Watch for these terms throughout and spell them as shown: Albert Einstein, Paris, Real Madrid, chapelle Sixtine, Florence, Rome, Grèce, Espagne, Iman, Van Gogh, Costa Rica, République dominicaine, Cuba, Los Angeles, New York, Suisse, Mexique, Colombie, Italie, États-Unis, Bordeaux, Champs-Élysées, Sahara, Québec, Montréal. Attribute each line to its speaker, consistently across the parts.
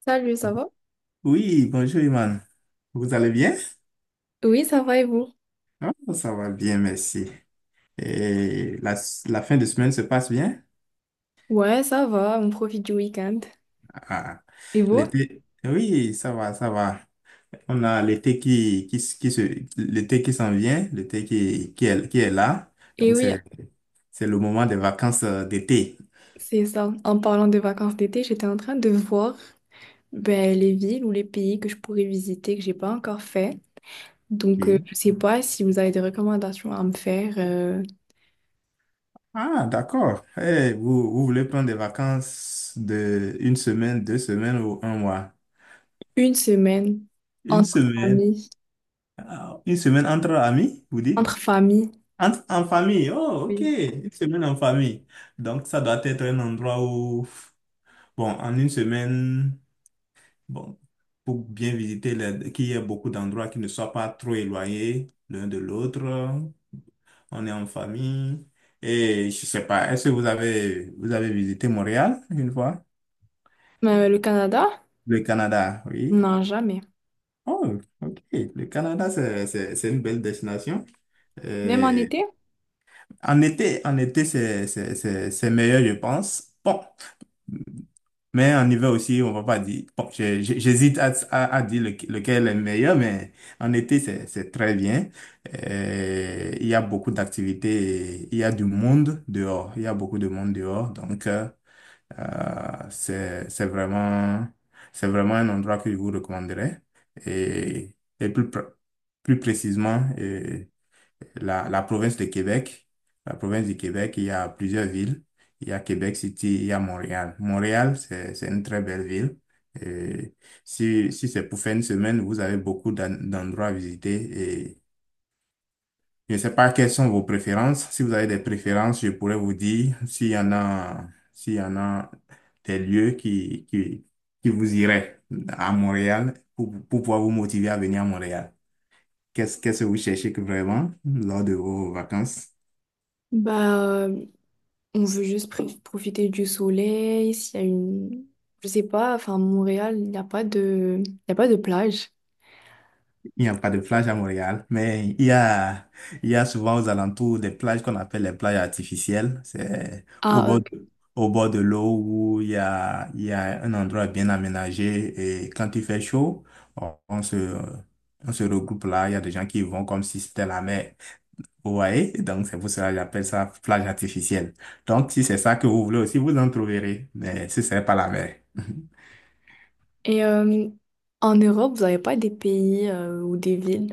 Speaker 1: Salut, ça va?
Speaker 2: Oui, bonjour Iman. Vous allez bien?
Speaker 1: Oui, ça va et vous?
Speaker 2: Ah, ça va bien, merci. Et la fin de semaine se passe bien?
Speaker 1: Ouais, ça va, on profite du week-end.
Speaker 2: Ah,
Speaker 1: Et vous?
Speaker 2: l'été, oui, ça va, ça va. On a l'été qui s'en vient, l'été qui est là.
Speaker 1: Et
Speaker 2: Donc,
Speaker 1: oui,
Speaker 2: c'est le moment des vacances d'été.
Speaker 1: c'est ça. En parlant de vacances d'été, j'étais en train de voir les villes ou les pays que je pourrais visiter que j'ai pas encore fait. Donc,
Speaker 2: Ok.
Speaker 1: je sais pas si vous avez des recommandations à me faire
Speaker 2: Ah, d'accord. Eh, vous voulez prendre des vacances de une semaine, deux semaines ou un mois?
Speaker 1: une semaine
Speaker 2: Une
Speaker 1: entre
Speaker 2: semaine.
Speaker 1: familles.
Speaker 2: Ah, une semaine entre amis, vous dites?
Speaker 1: Entre familles,
Speaker 2: En famille, oh, ok,
Speaker 1: oui.
Speaker 2: une semaine en famille. Donc, ça doit être un endroit où, bon, en une semaine, bon, pour bien visiter, qu'il y ait beaucoup d'endroits qui ne soient pas trop éloignés l'un de l'autre. On est en famille. Et je sais pas, est-ce que vous avez visité Montréal une fois?
Speaker 1: Mais, le Canada?
Speaker 2: Le Canada, oui.
Speaker 1: Non, jamais.
Speaker 2: Oh, ok. Le Canada, c'est une belle destination.
Speaker 1: Même en
Speaker 2: Euh,
Speaker 1: été?
Speaker 2: en été, c'est meilleur, je pense. Bon. Mais en hiver aussi, on va pas dire. Bon, j'hésite à dire lequel est le meilleur, mais en été, c'est très bien. Il y a beaucoup d'activités, il y a du monde dehors, il y a beaucoup de monde dehors. Donc, euh, c'est, c'est vraiment, c'est vraiment un endroit que je vous recommanderais. Et, et plus précisément, la province de Québec. La province du Québec, il y a plusieurs villes. Il y a Québec City, il y a Montréal. Montréal, c'est une très belle ville. Et si c'est pour faire une semaine, vous avez beaucoup d'endroits à visiter. Et je ne sais pas quelles sont vos préférences. Si vous avez des préférences, je pourrais vous dire s'il y en a des lieux qui vous iraient à Montréal pour pouvoir vous motiver à venir à Montréal. Qu'est-ce que vous cherchez que vraiment lors de vos vacances?
Speaker 1: Bah, euh, on veut juste profiter du soleil. S'il y a une, je sais pas, enfin Montréal, il n'y a pas de, il y a pas de plage.
Speaker 2: Il n'y a pas de plage à Montréal, mais il y a souvent aux alentours des plages qu'on appelle les plages artificielles. C'est au
Speaker 1: Ah, euh,
Speaker 2: bord de, au bord de l'eau où il y a un endroit bien aménagé et quand il fait chaud, on, on se, on se regroupe là. Il y a des gens qui vont comme si c'était la mer. Vous voyez? Donc c'est pour cela que j'appelle ça plage artificielle. Donc si c'est ça que vous voulez aussi, vous en trouverez, mais ce serait pas la mer.
Speaker 1: Et en Europe, vous n'avez pas des pays ou des villes?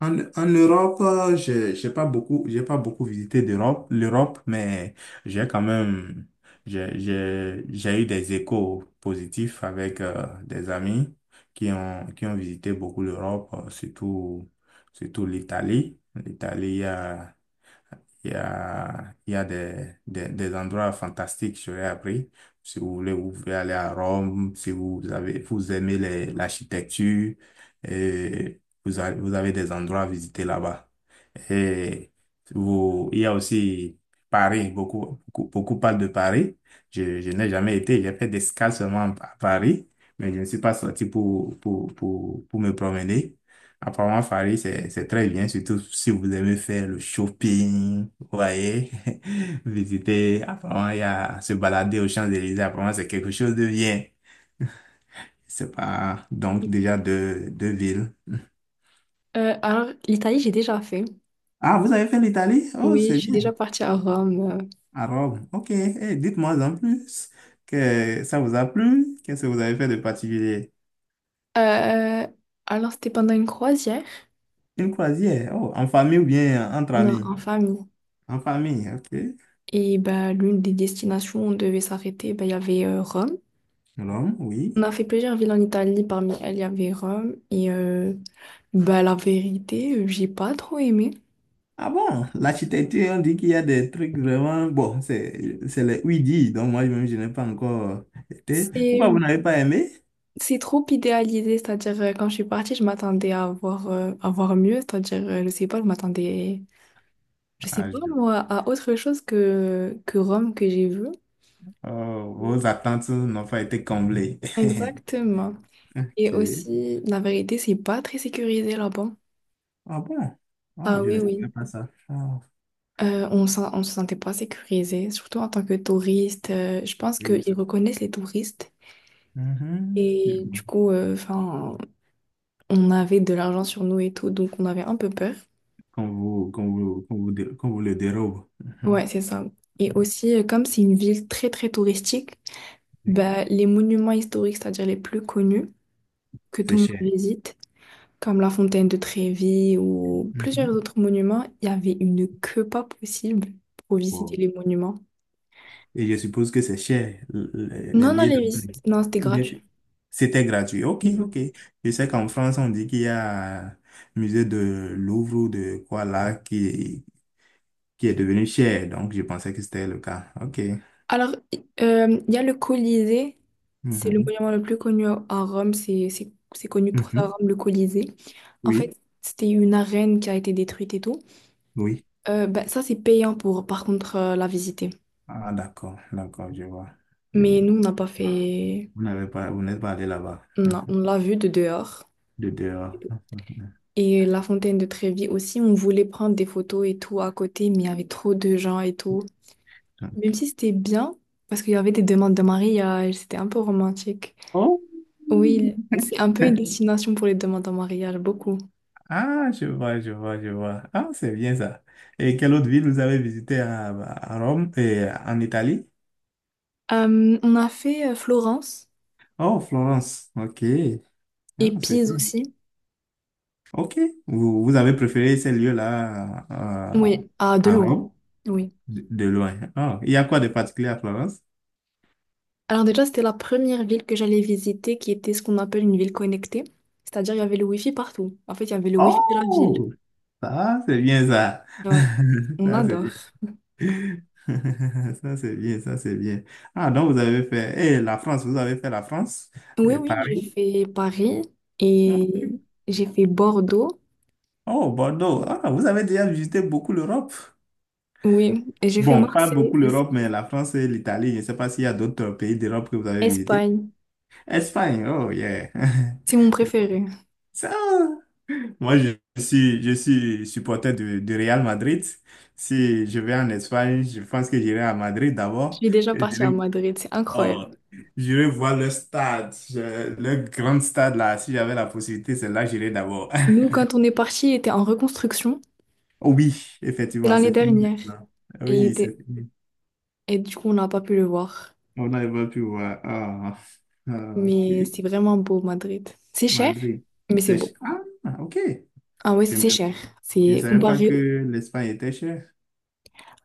Speaker 2: En Europe, j'ai pas beaucoup visité l'Europe, mais j'ai quand même, j'ai eu des échos positifs avec des amis qui ont visité beaucoup l'Europe, surtout l'Italie. L'Italie, il y a des endroits fantastiques, j'aurais appris. Si vous voulez, vous pouvez aller à Rome, si vous avez, vous aimez l'architecture, et vous avez des endroits à visiter là-bas. Et vous, il y a aussi Paris, beaucoup parlent de Paris. Je n'ai jamais été, j'ai fait des escales seulement à Paris, mais je ne suis pas sorti pour me promener. Apparemment, Paris, c'est très bien, surtout si vous aimez faire le shopping, vous voyez, visiter, apparemment, il y a se balader aux Champs-Élysées, apparemment, c'est quelque chose de bien. C'est pas, donc, déjà deux villes.
Speaker 1: Alors, l'Italie, j'ai déjà fait.
Speaker 2: Ah, vous avez fait l'Italie? Oh,
Speaker 1: Oui,
Speaker 2: c'est
Speaker 1: je suis
Speaker 2: bien.
Speaker 1: déjà partie à Rome.
Speaker 2: À Rome. Ok. Eh, dites-moi en plus que ça vous a plu. Qu'est-ce que vous avez fait de particulier?
Speaker 1: Euh, alors, c'était pendant une croisière?
Speaker 2: Une croisière. Oh, en famille ou bien entre
Speaker 1: Non,
Speaker 2: amis?
Speaker 1: en famille.
Speaker 2: En famille, ok.
Speaker 1: Et bah, l'une des destinations où on devait s'arrêter, bah, il y avait Rome.
Speaker 2: Rome, oui.
Speaker 1: On a fait plusieurs villes en Italie, parmi elles il y avait Rome et bah, la vérité, j'ai pas trop aimé.
Speaker 2: Ah bon, l'architecture, on dit qu'il y a des trucs vraiment. Bon, c'est les ouïdis, donc moi-même, je n'ai pas encore été.
Speaker 1: C'est
Speaker 2: Pourquoi vous n'avez pas aimé?
Speaker 1: c'est trop idéalisé, c'est-à-dire quand je suis partie, je m'attendais à voir mieux, c'est-à-dire je sais pas, je m'attendais, je sais
Speaker 2: Ah,
Speaker 1: pas
Speaker 2: je-
Speaker 1: moi, à autre chose que Rome que j'ai vu.
Speaker 2: Oh, vos attentes n'ont pas été comblées.
Speaker 1: Exactement. Et
Speaker 2: Ok.
Speaker 1: aussi, la vérité, c'est pas très sécurisé là-bas.
Speaker 2: Ah bon? Ah,
Speaker 1: Ah
Speaker 2: je
Speaker 1: oui,
Speaker 2: ne savais
Speaker 1: oui.
Speaker 2: pas ça. Ah.
Speaker 1: On se sentait pas sécurisé, surtout en tant que touriste. Je pense
Speaker 2: Oui,
Speaker 1: qu'ils reconnaissent les touristes.
Speaker 2: mhm.
Speaker 1: Et du coup, enfin, on avait de l'argent sur nous et tout, donc on avait un peu peur.
Speaker 2: Qu'on vous le dérobe. Mhm.
Speaker 1: Ouais, c'est ça. Et aussi, comme c'est une ville très très touristique,
Speaker 2: Oui.
Speaker 1: bah, les monuments historiques, c'est-à-dire les plus connus que tout
Speaker 2: C'est
Speaker 1: le
Speaker 2: cher.
Speaker 1: monde visite, comme la fontaine de Trévi ou plusieurs
Speaker 2: Mhm.
Speaker 1: autres monuments, il y avait une queue pas possible pour visiter les monuments.
Speaker 2: Et je suppose que c'est cher, les
Speaker 1: Non, non,
Speaker 2: billets
Speaker 1: les
Speaker 2: d'avion.
Speaker 1: visites, non, c'était
Speaker 2: Ou bien
Speaker 1: gratuit.
Speaker 2: c'est- C'était gratuit. Ok,
Speaker 1: Mhm.
Speaker 2: ok. Je sais qu'en France, on dit qu'il y a un musée de Louvre ou de quoi là qui est devenu cher. Donc, je pensais que c'était le cas. Ok.
Speaker 1: Alors, il y a le Colisée, c'est le
Speaker 2: Mhm.
Speaker 1: monument le plus connu à Rome, c'est connu pour ça,
Speaker 2: Mhm.
Speaker 1: Rome, le Colisée. En
Speaker 2: Oui,
Speaker 1: fait, c'était une arène qui a été détruite et tout.
Speaker 2: oui.
Speaker 1: Ben, ça, c'est payant pour, par contre, la visiter.
Speaker 2: Ah, d'accord, d'accord, je vois. Je
Speaker 1: Mais
Speaker 2: vois.
Speaker 1: nous, on n'a pas fait...
Speaker 2: Vous n'êtes pas allé là-bas.
Speaker 1: Non,
Speaker 2: Mhm.
Speaker 1: on l'a vue de dehors.
Speaker 2: De dehors. Mhm.
Speaker 1: Et la fontaine de Trévi aussi, on voulait prendre des photos et tout à côté, mais il y avait trop de gens et tout. Même
Speaker 2: Donc.
Speaker 1: si c'était bien, parce qu'il y avait des demandes de mariage, c'était un peu romantique.
Speaker 2: Oh.
Speaker 1: Oui, c'est un peu une destination pour les demandes en mariage, beaucoup.
Speaker 2: Ah, je vois, je vois, je vois. Ah, c'est bien ça. Et quelle autre ville vous avez visité à Rome et en Italie?
Speaker 1: On a fait Florence
Speaker 2: Oh, Florence. OK. Ah,
Speaker 1: et
Speaker 2: c'est
Speaker 1: Pise
Speaker 2: bien.
Speaker 1: aussi.
Speaker 2: OK. Vous avez préféré ces lieux-là
Speaker 1: Oui, à
Speaker 2: à
Speaker 1: Delourme.
Speaker 2: Rome
Speaker 1: Oui.
Speaker 2: de loin. Ah, il y a quoi de particulier à Florence?
Speaker 1: Alors déjà, c'était la première ville que j'allais visiter qui était ce qu'on appelle une ville connectée. C'est-à-dire, il y avait le Wi-Fi partout. En fait, il y avait le Wi-Fi de la ville.
Speaker 2: Oh, ça, c'est bien ça.
Speaker 1: Ouais, on
Speaker 2: Ça, c'est
Speaker 1: adore.
Speaker 2: bien. Ça, c'est bien, ça, c'est bien. Ah, donc vous avez fait. Et la France, vous avez fait la France
Speaker 1: Oui,
Speaker 2: et
Speaker 1: oui, j'ai
Speaker 2: Paris.
Speaker 1: fait Paris et j'ai fait Bordeaux.
Speaker 2: Oh, Bordeaux. Ah, vous avez déjà visité beaucoup l'Europe.
Speaker 1: Oui, et j'ai fait
Speaker 2: Bon, pas
Speaker 1: Marseille
Speaker 2: beaucoup
Speaker 1: aussi.
Speaker 2: l'Europe, mais la France et l'Italie. Je ne sais pas s'il y a d'autres pays d'Europe que vous avez visités.
Speaker 1: Espagne,
Speaker 2: Espagne, oh yeah.
Speaker 1: c'est mon
Speaker 2: Je-
Speaker 1: préféré.
Speaker 2: Ça, moi, je suis supporter du Real Madrid. Si je vais en Espagne, je pense que j'irai à Madrid
Speaker 1: Je
Speaker 2: d'abord.
Speaker 1: suis déjà
Speaker 2: Et
Speaker 1: partie à
Speaker 2: J'irai
Speaker 1: Madrid, c'est
Speaker 2: oh,
Speaker 1: incroyable.
Speaker 2: j'irai voir le stade, le grand stade là. Si j'avais la possibilité, c'est là que j'irai d'abord.
Speaker 1: Nous, quand on est parti, il était en reconstruction.
Speaker 2: Oui,
Speaker 1: C'est
Speaker 2: effectivement,
Speaker 1: l'année
Speaker 2: c'est fini
Speaker 1: dernière.
Speaker 2: maintenant.
Speaker 1: Et, il
Speaker 2: Oui,
Speaker 1: était...
Speaker 2: c'est fini.
Speaker 1: Et du coup, on n'a pas pu le voir.
Speaker 2: On n'arrive plus voir. Ah, ah, ok.
Speaker 1: Mais c'est vraiment beau, Madrid. C'est cher,
Speaker 2: Madrid.
Speaker 1: mais c'est
Speaker 2: C'est
Speaker 1: beau.
Speaker 2: cher. Ah, ok.
Speaker 1: Ah ouais,
Speaker 2: Je
Speaker 1: c'est cher.
Speaker 2: je ne
Speaker 1: C'est
Speaker 2: savais pas
Speaker 1: comparé.
Speaker 2: que l'Espagne était chère.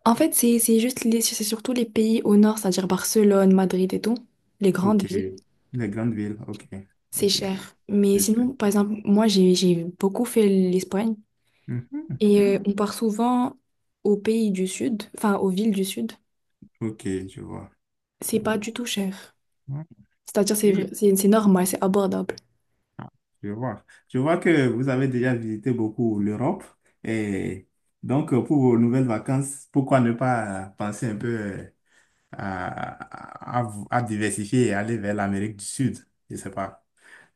Speaker 1: En fait, c'est juste les, c'est surtout les pays au nord, c'est-à-dire Barcelone, Madrid et tout, les grandes
Speaker 2: Ok.
Speaker 1: villes,
Speaker 2: Les grandes villes. Ok.
Speaker 1: c'est
Speaker 2: Ok.
Speaker 1: cher. Mais
Speaker 2: C'est cher.
Speaker 1: sinon, par exemple, moi j'ai beaucoup fait l'Espagne
Speaker 2: Mhm,
Speaker 1: et
Speaker 2: mhm.
Speaker 1: on part souvent aux pays du sud, enfin aux villes du sud.
Speaker 2: Ok, je vois.
Speaker 1: C'est
Speaker 2: Je
Speaker 1: pas
Speaker 2: vois.
Speaker 1: du tout cher. C'est-à-dire c'est vrai-
Speaker 2: Ok,
Speaker 1: c'est c'est normal, c'est abordable.
Speaker 2: je vois. Je vois que vous avez déjà visité beaucoup l'Europe. Et donc, pour vos nouvelles vacances, pourquoi ne pas penser un peu à diversifier et aller vers l'Amérique du Sud? Je ne sais pas.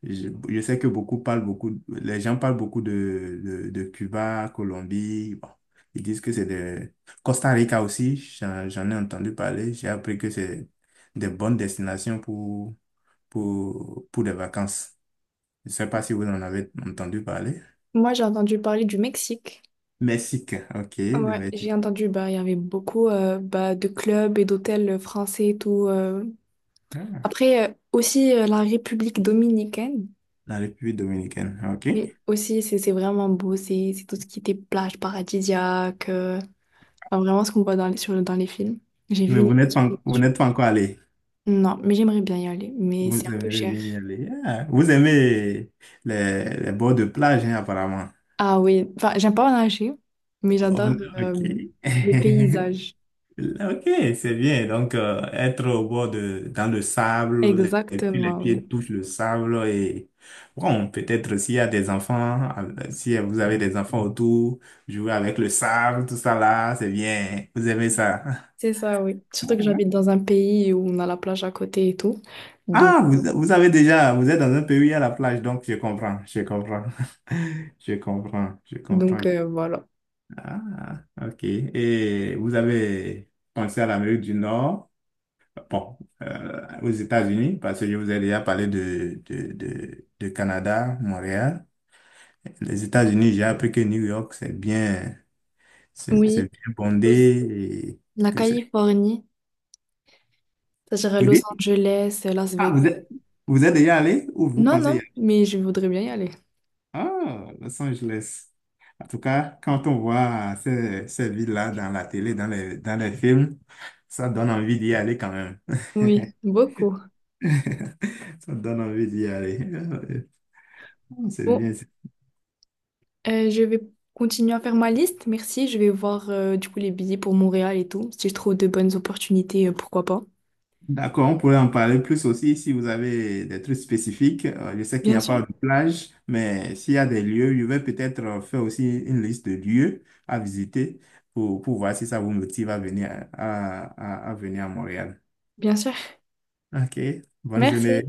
Speaker 2: Je sais que les gens parlent beaucoup de Cuba, Colombie. Bon, ils disent que c'est de Costa Rica aussi, j'en ai entendu parler. J'ai appris que c'est des bonnes destinations pour des vacances. Je ne sais pas si vous en avez entendu parler.
Speaker 1: Moi j'ai entendu parler du Mexique.
Speaker 2: Mexique, ok, le
Speaker 1: Ouais, j'ai
Speaker 2: Mexique.
Speaker 1: entendu, bah, il y avait beaucoup bah, de clubs et d'hôtels français et tout.
Speaker 2: Ah,
Speaker 1: Après, aussi la République dominicaine,
Speaker 2: la République dominicaine, ok.
Speaker 1: oui, aussi c'est vraiment beau, c'est tout ce qui était plage paradisiaque, enfin, vraiment ce qu'on voit dans les, sur, dans les films. J'ai vu
Speaker 2: Mais
Speaker 1: une équipe
Speaker 2: vous
Speaker 1: là-dessus.
Speaker 2: n'êtes pas encore allé.
Speaker 1: Non, mais j'aimerais bien y aller, mais
Speaker 2: Vous
Speaker 1: c'est un peu
Speaker 2: aimez
Speaker 1: cher.
Speaker 2: bien y aller. Ah, vous aimez les bords de plage, hein, apparemment.
Speaker 1: Ah oui, enfin, j'aime pas nager, mais j'adore
Speaker 2: Bon, ok.
Speaker 1: les paysages.
Speaker 2: Ok, c'est bien. Donc, être au bord de, dans le sable, et puis les
Speaker 1: Exactement,
Speaker 2: pieds
Speaker 1: oui.
Speaker 2: touchent le sable et bon, peut-être s'il y a des enfants, si vous avez des enfants autour, jouer avec le sable, tout ça là, c'est bien. Vous aimez ça.
Speaker 1: C'est ça, oui. Surtout que j'habite dans un pays où on a la plage à côté et tout. Donc,
Speaker 2: Ah, vous êtes dans un pays à la plage, donc je comprends, je comprends. Je comprends, je comprends.
Speaker 1: donc voilà.
Speaker 2: Ah, ok. Et vous avez pensé à l'Amérique du Nord? Bon, aux États-Unis, parce que je vous ai déjà parlé de Canada, Montréal. Les États-Unis, j'ai appris que New York, c'est bien, c'est
Speaker 1: Oui,
Speaker 2: c'est bien
Speaker 1: aussi,
Speaker 2: bondé et
Speaker 1: la
Speaker 2: que c'est.
Speaker 1: Californie. Ça serait
Speaker 2: Vous
Speaker 1: Los
Speaker 2: dites?
Speaker 1: Angeles, Las
Speaker 2: Ah, vous
Speaker 1: Vegas.
Speaker 2: êtes, vous êtes déjà allé ou vous
Speaker 1: Non,
Speaker 2: pensez y
Speaker 1: non,
Speaker 2: aller?
Speaker 1: mais je voudrais bien y aller.
Speaker 2: Ah, Los Angeles. En tout cas, quand on voit ces villes-là dans la télé, dans les films, ça donne envie d'y aller quand même.
Speaker 1: Oui, beaucoup.
Speaker 2: Ça donne envie d'y aller. Ah, c'est
Speaker 1: Bon,
Speaker 2: bien.
Speaker 1: je vais continuer à faire ma liste. Merci. Je vais voir du coup les billets pour Montréal et tout. Si je trouve de bonnes opportunités, pourquoi pas.
Speaker 2: D'accord, on pourrait en parler plus aussi si vous avez des trucs spécifiques. Je sais qu'il n'y
Speaker 1: Bien
Speaker 2: a
Speaker 1: sûr,
Speaker 2: pas de plage, mais s'il y a des lieux, je vais peut-être faire aussi une liste de lieux à visiter pour voir si ça vous motive à venir à Montréal.
Speaker 1: bien sûr.
Speaker 2: OK, bonne journée.
Speaker 1: Merci.